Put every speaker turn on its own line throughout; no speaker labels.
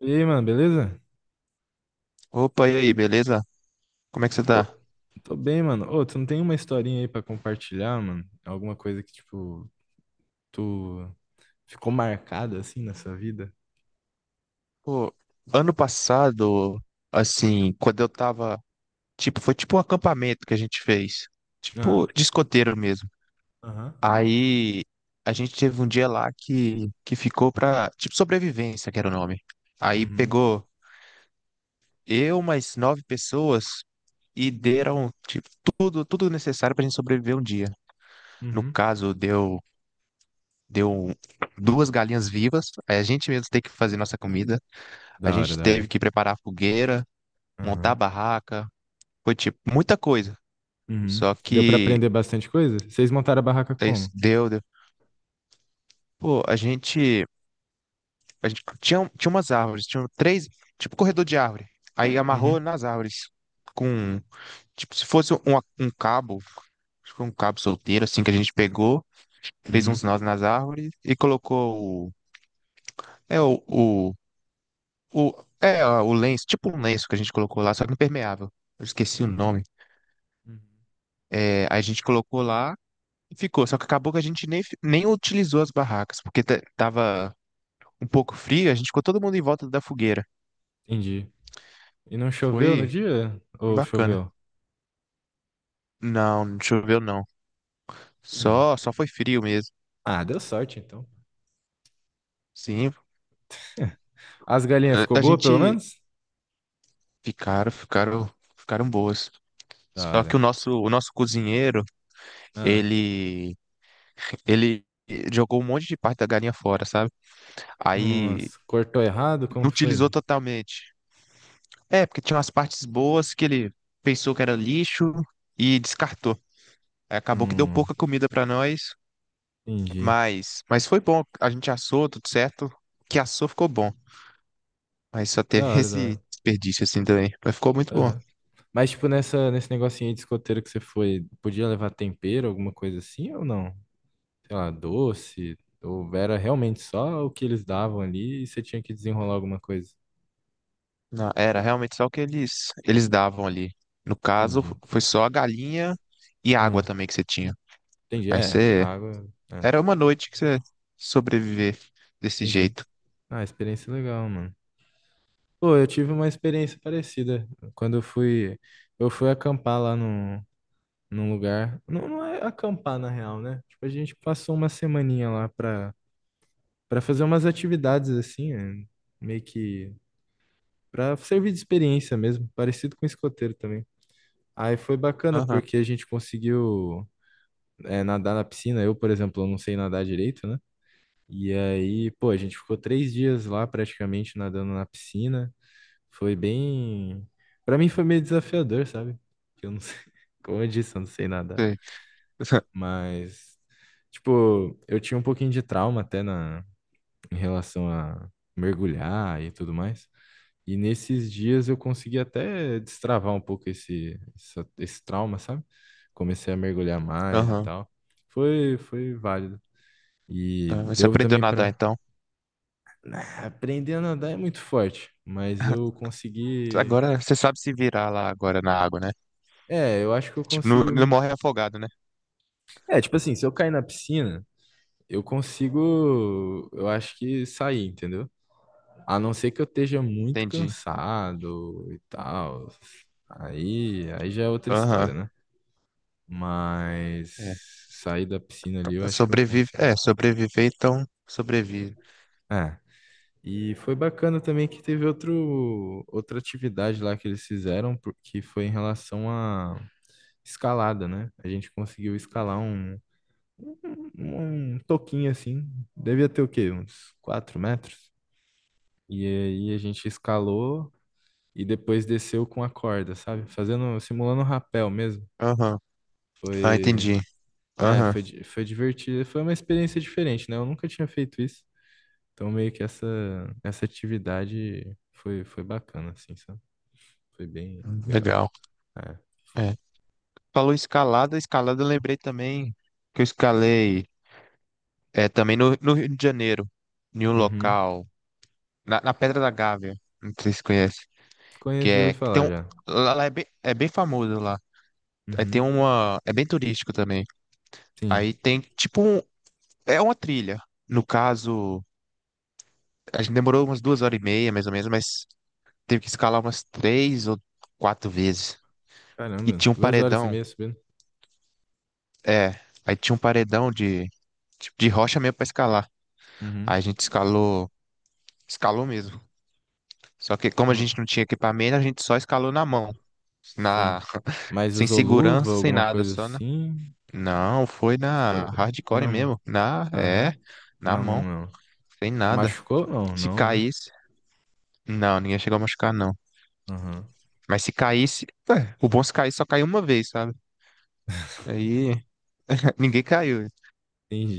E aí, mano, beleza?
Opa, e aí, beleza? Como é que você
Ô,
tá?
tô bem, mano. Ô, tu não tem uma historinha aí pra compartilhar, mano? Alguma coisa que, tipo, tu ficou marcada assim na sua vida?
Pô, ano passado, assim, quando eu tava, tipo, foi tipo um acampamento que a gente fez, tipo,
Ah,
de escoteiro mesmo.
aham.
Aí a gente teve um dia lá que ficou pra, tipo, sobrevivência, que era o nome. Aí
Uhum,
pegou eu mais nove pessoas e deram, tipo, tudo necessário pra gente sobreviver um dia. No
uhum.
caso, deu duas galinhas vivas, aí a gente mesmo tem que fazer nossa comida. A
Da hora,
gente
da
teve
hora.
que preparar fogueira, montar
Aham.
barraca, foi tipo muita coisa.
Uhum.
Só
Deu pra
que
aprender bastante coisa? Vocês montaram a barraca
esse
como?
deu, deu. Pô, a gente tinha umas árvores, tinha três, tipo corredor de árvore. Aí amarrou
Uhum,
nas árvores com, tipo, se fosse um, um cabo, acho que foi um cabo solteiro assim que a gente pegou, fez
uhum.
uns nós nas árvores e colocou o, é o, o, o o lenço, tipo um lenço que a gente colocou lá, só que impermeável. Eu esqueci o nome.
Uhum.
É, aí a gente colocou lá. Ficou, só que acabou que a gente nem utilizou as barracas, porque tava um pouco frio, a gente ficou todo mundo em volta da fogueira.
Entendi. E não choveu no
Foi
dia? Ou
bacana.
choveu?
Não, não choveu não.
Entendi.
Só foi frio mesmo.
Ah, deu sorte então.
Sim,
As galinhas
a
ficou
a
boa, pelo
gente
menos?
ficaram, ficaram, ficaram boas.
Da
Só
hora.
que o nosso cozinheiro,
Ah,
ele, ele jogou um monte de parte da galinha fora, sabe? Aí
nossa, cortou errado? Como
não
que foi?
utilizou totalmente. É, porque tinha umas partes boas que ele pensou que era lixo e descartou. Aí acabou que deu
Hum,
pouca comida pra nós,
entendi.
mas foi bom. A gente assou, tudo certo. O que assou ficou bom, mas só
Da
teve
hora, da
esse
hora.
desperdício assim também. Mas ficou muito bom.
Aham. Mas, tipo, nesse negocinho aí de escoteiro que você foi, podia levar tempero, alguma coisa assim ou não? Sei lá, doce? Ou era realmente só o que eles davam ali e você tinha que desenrolar alguma coisa?
Não, era realmente só o que eles davam ali. No caso,
Entendi.
foi só a galinha e a água
Hum,
também que você tinha.
entendi.
Aí
É,
você.
água. É,
Era uma
entendi.
noite que você sobreviver desse
Entendi.
jeito.
Ah, experiência legal, mano. Pô, eu tive uma experiência parecida. Quando eu fui acampar lá num lugar. Não, não é acampar, na real, né? Tipo, a gente passou uma semaninha lá pra para fazer umas atividades assim, meio que para servir de experiência mesmo, parecido com escoteiro também. Aí foi bacana
Aham,
porque a gente conseguiu nadar na piscina. Eu, por exemplo, eu não sei nadar direito, né? E aí, pô, a gente ficou 3 dias lá praticamente nadando na piscina. Foi bem. Pra mim foi meio desafiador, sabe? Que eu não sei. Como eu disse, eu não sei nadar.
sei.
Mas, tipo, eu tinha um pouquinho de trauma até em relação a mergulhar e tudo mais. E nesses dias eu consegui até destravar um pouco esse trauma, sabe? Comecei a mergulhar mais e
Aham.
tal. Foi válido. E
Ah, você
deu
aprendeu a
também
nadar
pra.
então.
Ah, aprender a nadar é muito forte, mas eu consegui.
Agora você sabe se virar lá agora na água, né?
É, eu acho que eu
Tipo, não,
consigo
não
me.
morre afogado, né?
É, tipo assim, se eu cair na piscina, eu consigo. Eu acho que sair, entendeu? A não ser que eu esteja muito
Entendi.
cansado e tal. Aí já é outra
Aham.
história, né?
É,
Mas sair da piscina ali eu acho que eu
sobrevive.
consigo.
É, sobreviver, então sobrevive.
É. E foi bacana também que teve outra atividade lá que eles fizeram, que foi em relação à escalada, né? A gente conseguiu escalar um toquinho assim. Devia ter o quê? Uns 4 metros. E aí a gente escalou e depois desceu com a corda, sabe? Fazendo, simulando um rapel mesmo.
Aham. Ah,
Foi,
entendi.
é,
Aham.
foi, di- foi divertido. Foi uma experiência diferente, né? Eu nunca tinha feito isso. Então, meio que essa atividade foi bacana, assim, sabe? Foi bem legal.
Legal.
É.
É. Falou escalada, escalada eu lembrei também que eu escalei, é, também no, no Rio de Janeiro, em um
Uhum.
local, na, na Pedra da Gávea, não sei se você conhece, que
Conheço, já ouvi
é, que tem
falar
um,
já.
lá, lá é bem famoso lá, é, tem
Uhum.
uma, é bem turístico também,
Sim.
aí tem tipo, um, é uma trilha, no caso, a gente demorou umas duas horas e meia, mais ou menos, mas teve que escalar umas três ou quatro vezes. E
Caramba,
tinha um
duas horas e
paredão,
meia subindo.
é, aí tinha um paredão de, tipo, de rocha mesmo pra escalar. Aí
Uhum.
a gente escalou, escalou mesmo. Só que como a gente
Ah,
não tinha equipamento, a gente só escalou na mão, na,
sim. Mas
sem
usou luva,
segurança, sem
alguma
nada,
coisa
só na...
assim?
Não, foi
Foi,
na
foi
hardcore
na mão.
mesmo, na, é,
Aham.
na
Na mão,
mão,
não.
sem nada.
Machucou? Não,
Se
não, né?
caísse, não, ninguém chegou a machucar, não.
Aham.
Mas se caísse, o bom é se caísse só caiu uma vez, sabe? Aí ninguém caiu,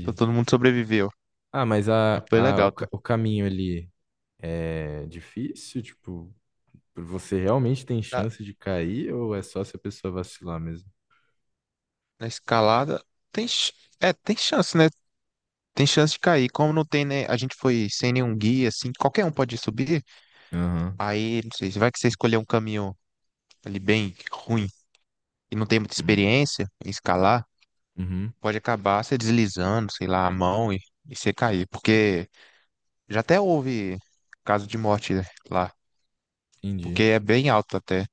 então todo mundo sobreviveu.
Ah, mas
Mas
a,
foi
a, o
legal, tá?
ca- o caminho ali é difícil? Tipo, você realmente tem
Na,
chance de cair ou é só se a pessoa vacilar mesmo?
na escalada, tem, é, tem chance, né? Tem chance de cair. Como não tem, né? A gente foi sem nenhum guia, assim, qualquer um pode subir.
Aham.
Aí, não sei, vai que você escolher um caminho ali bem ruim e não tem muita
hum,
experiência em escalar,
Uhum.
pode acabar você deslizando, sei lá, a mão e você cair. Porque já até houve caso de morte lá,
Entendi.
porque é bem alto até,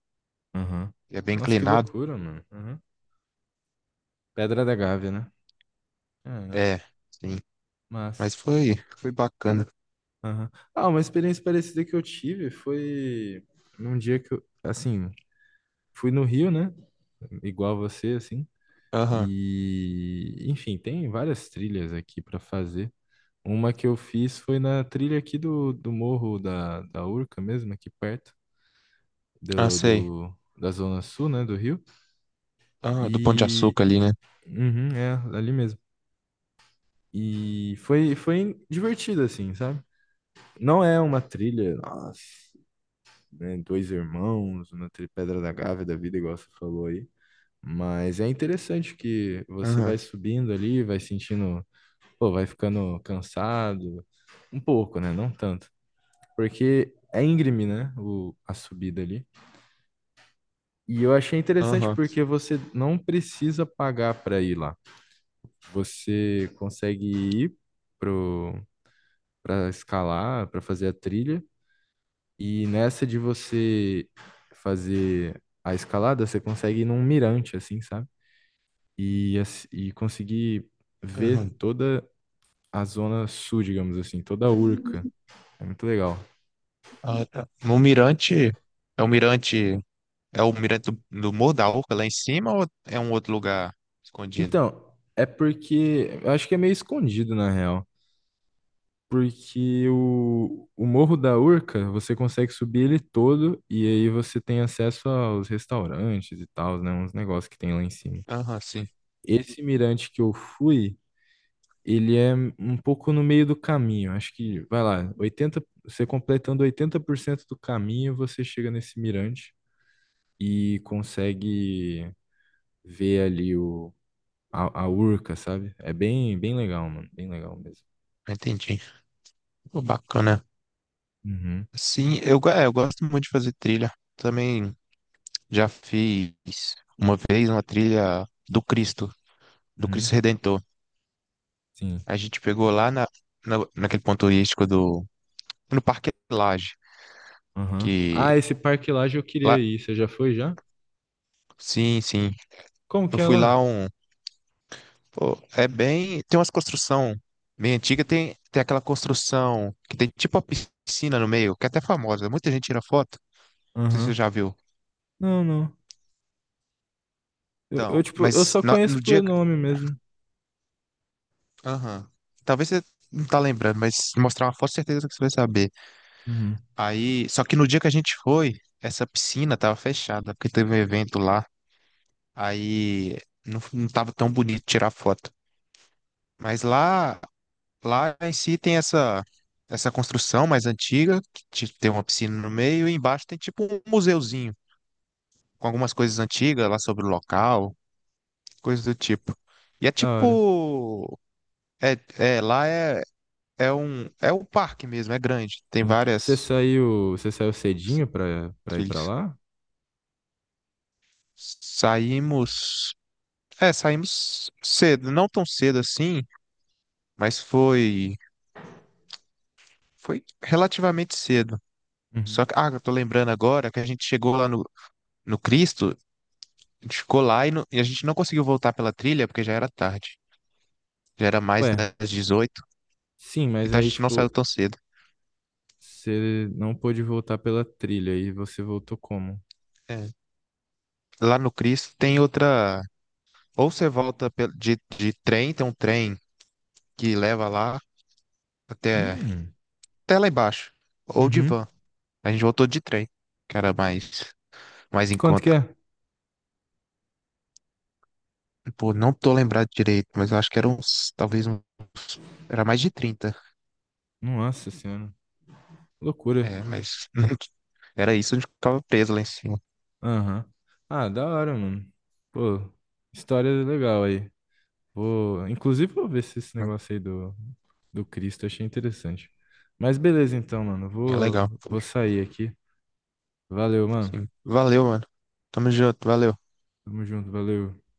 Aham.
é bem
Nossa, que
inclinado.
loucura, mano. Aham. Pedra da Gávea, né? Caraca,
É, sim.
massa.
Mas foi, foi bacana.
Aham. Ah, uma experiência parecida que eu tive foi num dia que eu, assim, fui no Rio, né? Igual você, assim.
Aham,
E, enfim, tem várias trilhas aqui pra fazer. Uma que eu fiz foi na trilha aqui do morro da Urca mesmo, aqui perto.
ah,
do,
sei.
do- da zona sul, né, do Rio.
Ah, do Pão de
E
Açúcar ali, né?
uhum, é ali mesmo. E foi divertido assim, sabe? Não é uma trilha, nossa, né, Dois Irmãos, uma trilha Pedra da Gávea da vida, igual você falou aí. Mas é interessante que você
Aham,
vai subindo ali, vai sentindo, pô, vai ficando cansado, um pouco, né? Não tanto. Porque é íngreme, né? A subida ali. E eu achei interessante
aham,
porque você não precisa pagar para ir lá. Você consegue ir pro para escalar, para fazer a trilha, e nessa de você fazer a escalada, você consegue ir num mirante assim, sabe? E conseguir ver
aham.
toda a zona sul, digamos assim, toda a Urca. É muito legal.
Ah, tá. No mirante, é o mirante, é o mirante do, do Morro da Urca lá em cima ou é um outro lugar escondido?
Então, é porque eu acho que é meio escondido na real. Porque o Morro da Urca, você consegue subir ele todo e aí você tem acesso aos restaurantes e tal, né? Uns negócios que tem lá em cima.
Aham, sim,
Esse mirante que eu fui, ele é um pouco no meio do caminho. Acho que, vai lá, 80 você completando 80% do caminho, você chega nesse mirante e consegue ver ali a Urca, sabe? É bem, bem legal, mano. Bem legal mesmo.
entendi. Pô, bacana.
Uhum,
Sim, eu, é, eu gosto muito de fazer trilha. Também já fiz uma vez uma trilha do
uhum,
Cristo Redentor.
sim.
A gente pegou lá na, naquele ponto turístico do, no Parque Lage,
Aham.
que
Ah, esse Parque Lage eu queria
lá,
ir. Você já foi já?
sim, sim.
Como que
Eu
é
fui lá
lá?
um, pô, é bem. Tem umas construção bem antiga, tem, tem aquela construção que tem tipo uma piscina no meio, que é até famosa. Muita gente tira foto. Não sei se você
Aham.
já viu.
Não, não. Eu,
Então,
eu, tipo, eu
mas
só
no,
conheço
no
por
dia
nome mesmo.
aham, talvez você não tá lembrando, mas se mostrar uma foto, certeza que você vai saber.
Uhum.
Aí. Só que no dia que a gente foi, essa piscina tava fechada, porque teve um evento lá. Aí não, não tava tão bonito tirar foto. Mas lá em si tem essa construção mais antiga, que tem uma piscina no meio, e embaixo tem tipo um museuzinho, com algumas coisas antigas lá sobre o local, coisas do tipo. E é
Da hora.
tipo. É, lá é, é um. É um parque mesmo, é grande, tem
Sim. Você
várias
saiu, você saiu cedinho pra ir pra
trilhas.
lá?
Saímos. É, saímos cedo, não tão cedo assim, mas foi. Foi relativamente cedo. Só
Uhum.
que, ah, eu tô lembrando agora que a gente chegou lá no, no Cristo. A gente ficou lá e a gente não conseguiu voltar pela trilha porque já era tarde. Já era mais
Ué,
das 18,
sim, mas
então a
aí,
gente não saiu
tipo,
tão cedo.
você não pôde voltar pela trilha e você voltou como?
É. Lá no Cristo tem outra. Ou você volta de trem, tem um trem que leva lá até,
Hum.
até lá embaixo. Ou de
Uhum.
van. A gente voltou de trem, que era mais, mais em
Quanto que
conta.
é?
Pô, não tô lembrado direito, mas eu acho que era uns. Talvez um, era mais de 30.
Nossa senhora. Loucura.
É, mas era isso, a gente ficava preso lá em cima.
Aham. Ah, da hora, mano. Pô, história legal aí. Vou, inclusive, vou ver se esse
Né?
negócio aí do Cristo eu achei interessante. Mas beleza, então, mano.
É legal.
Vou sair aqui. Valeu, mano.
Sim. Valeu, mano. Tamo junto, valeu.
Tamo junto, valeu.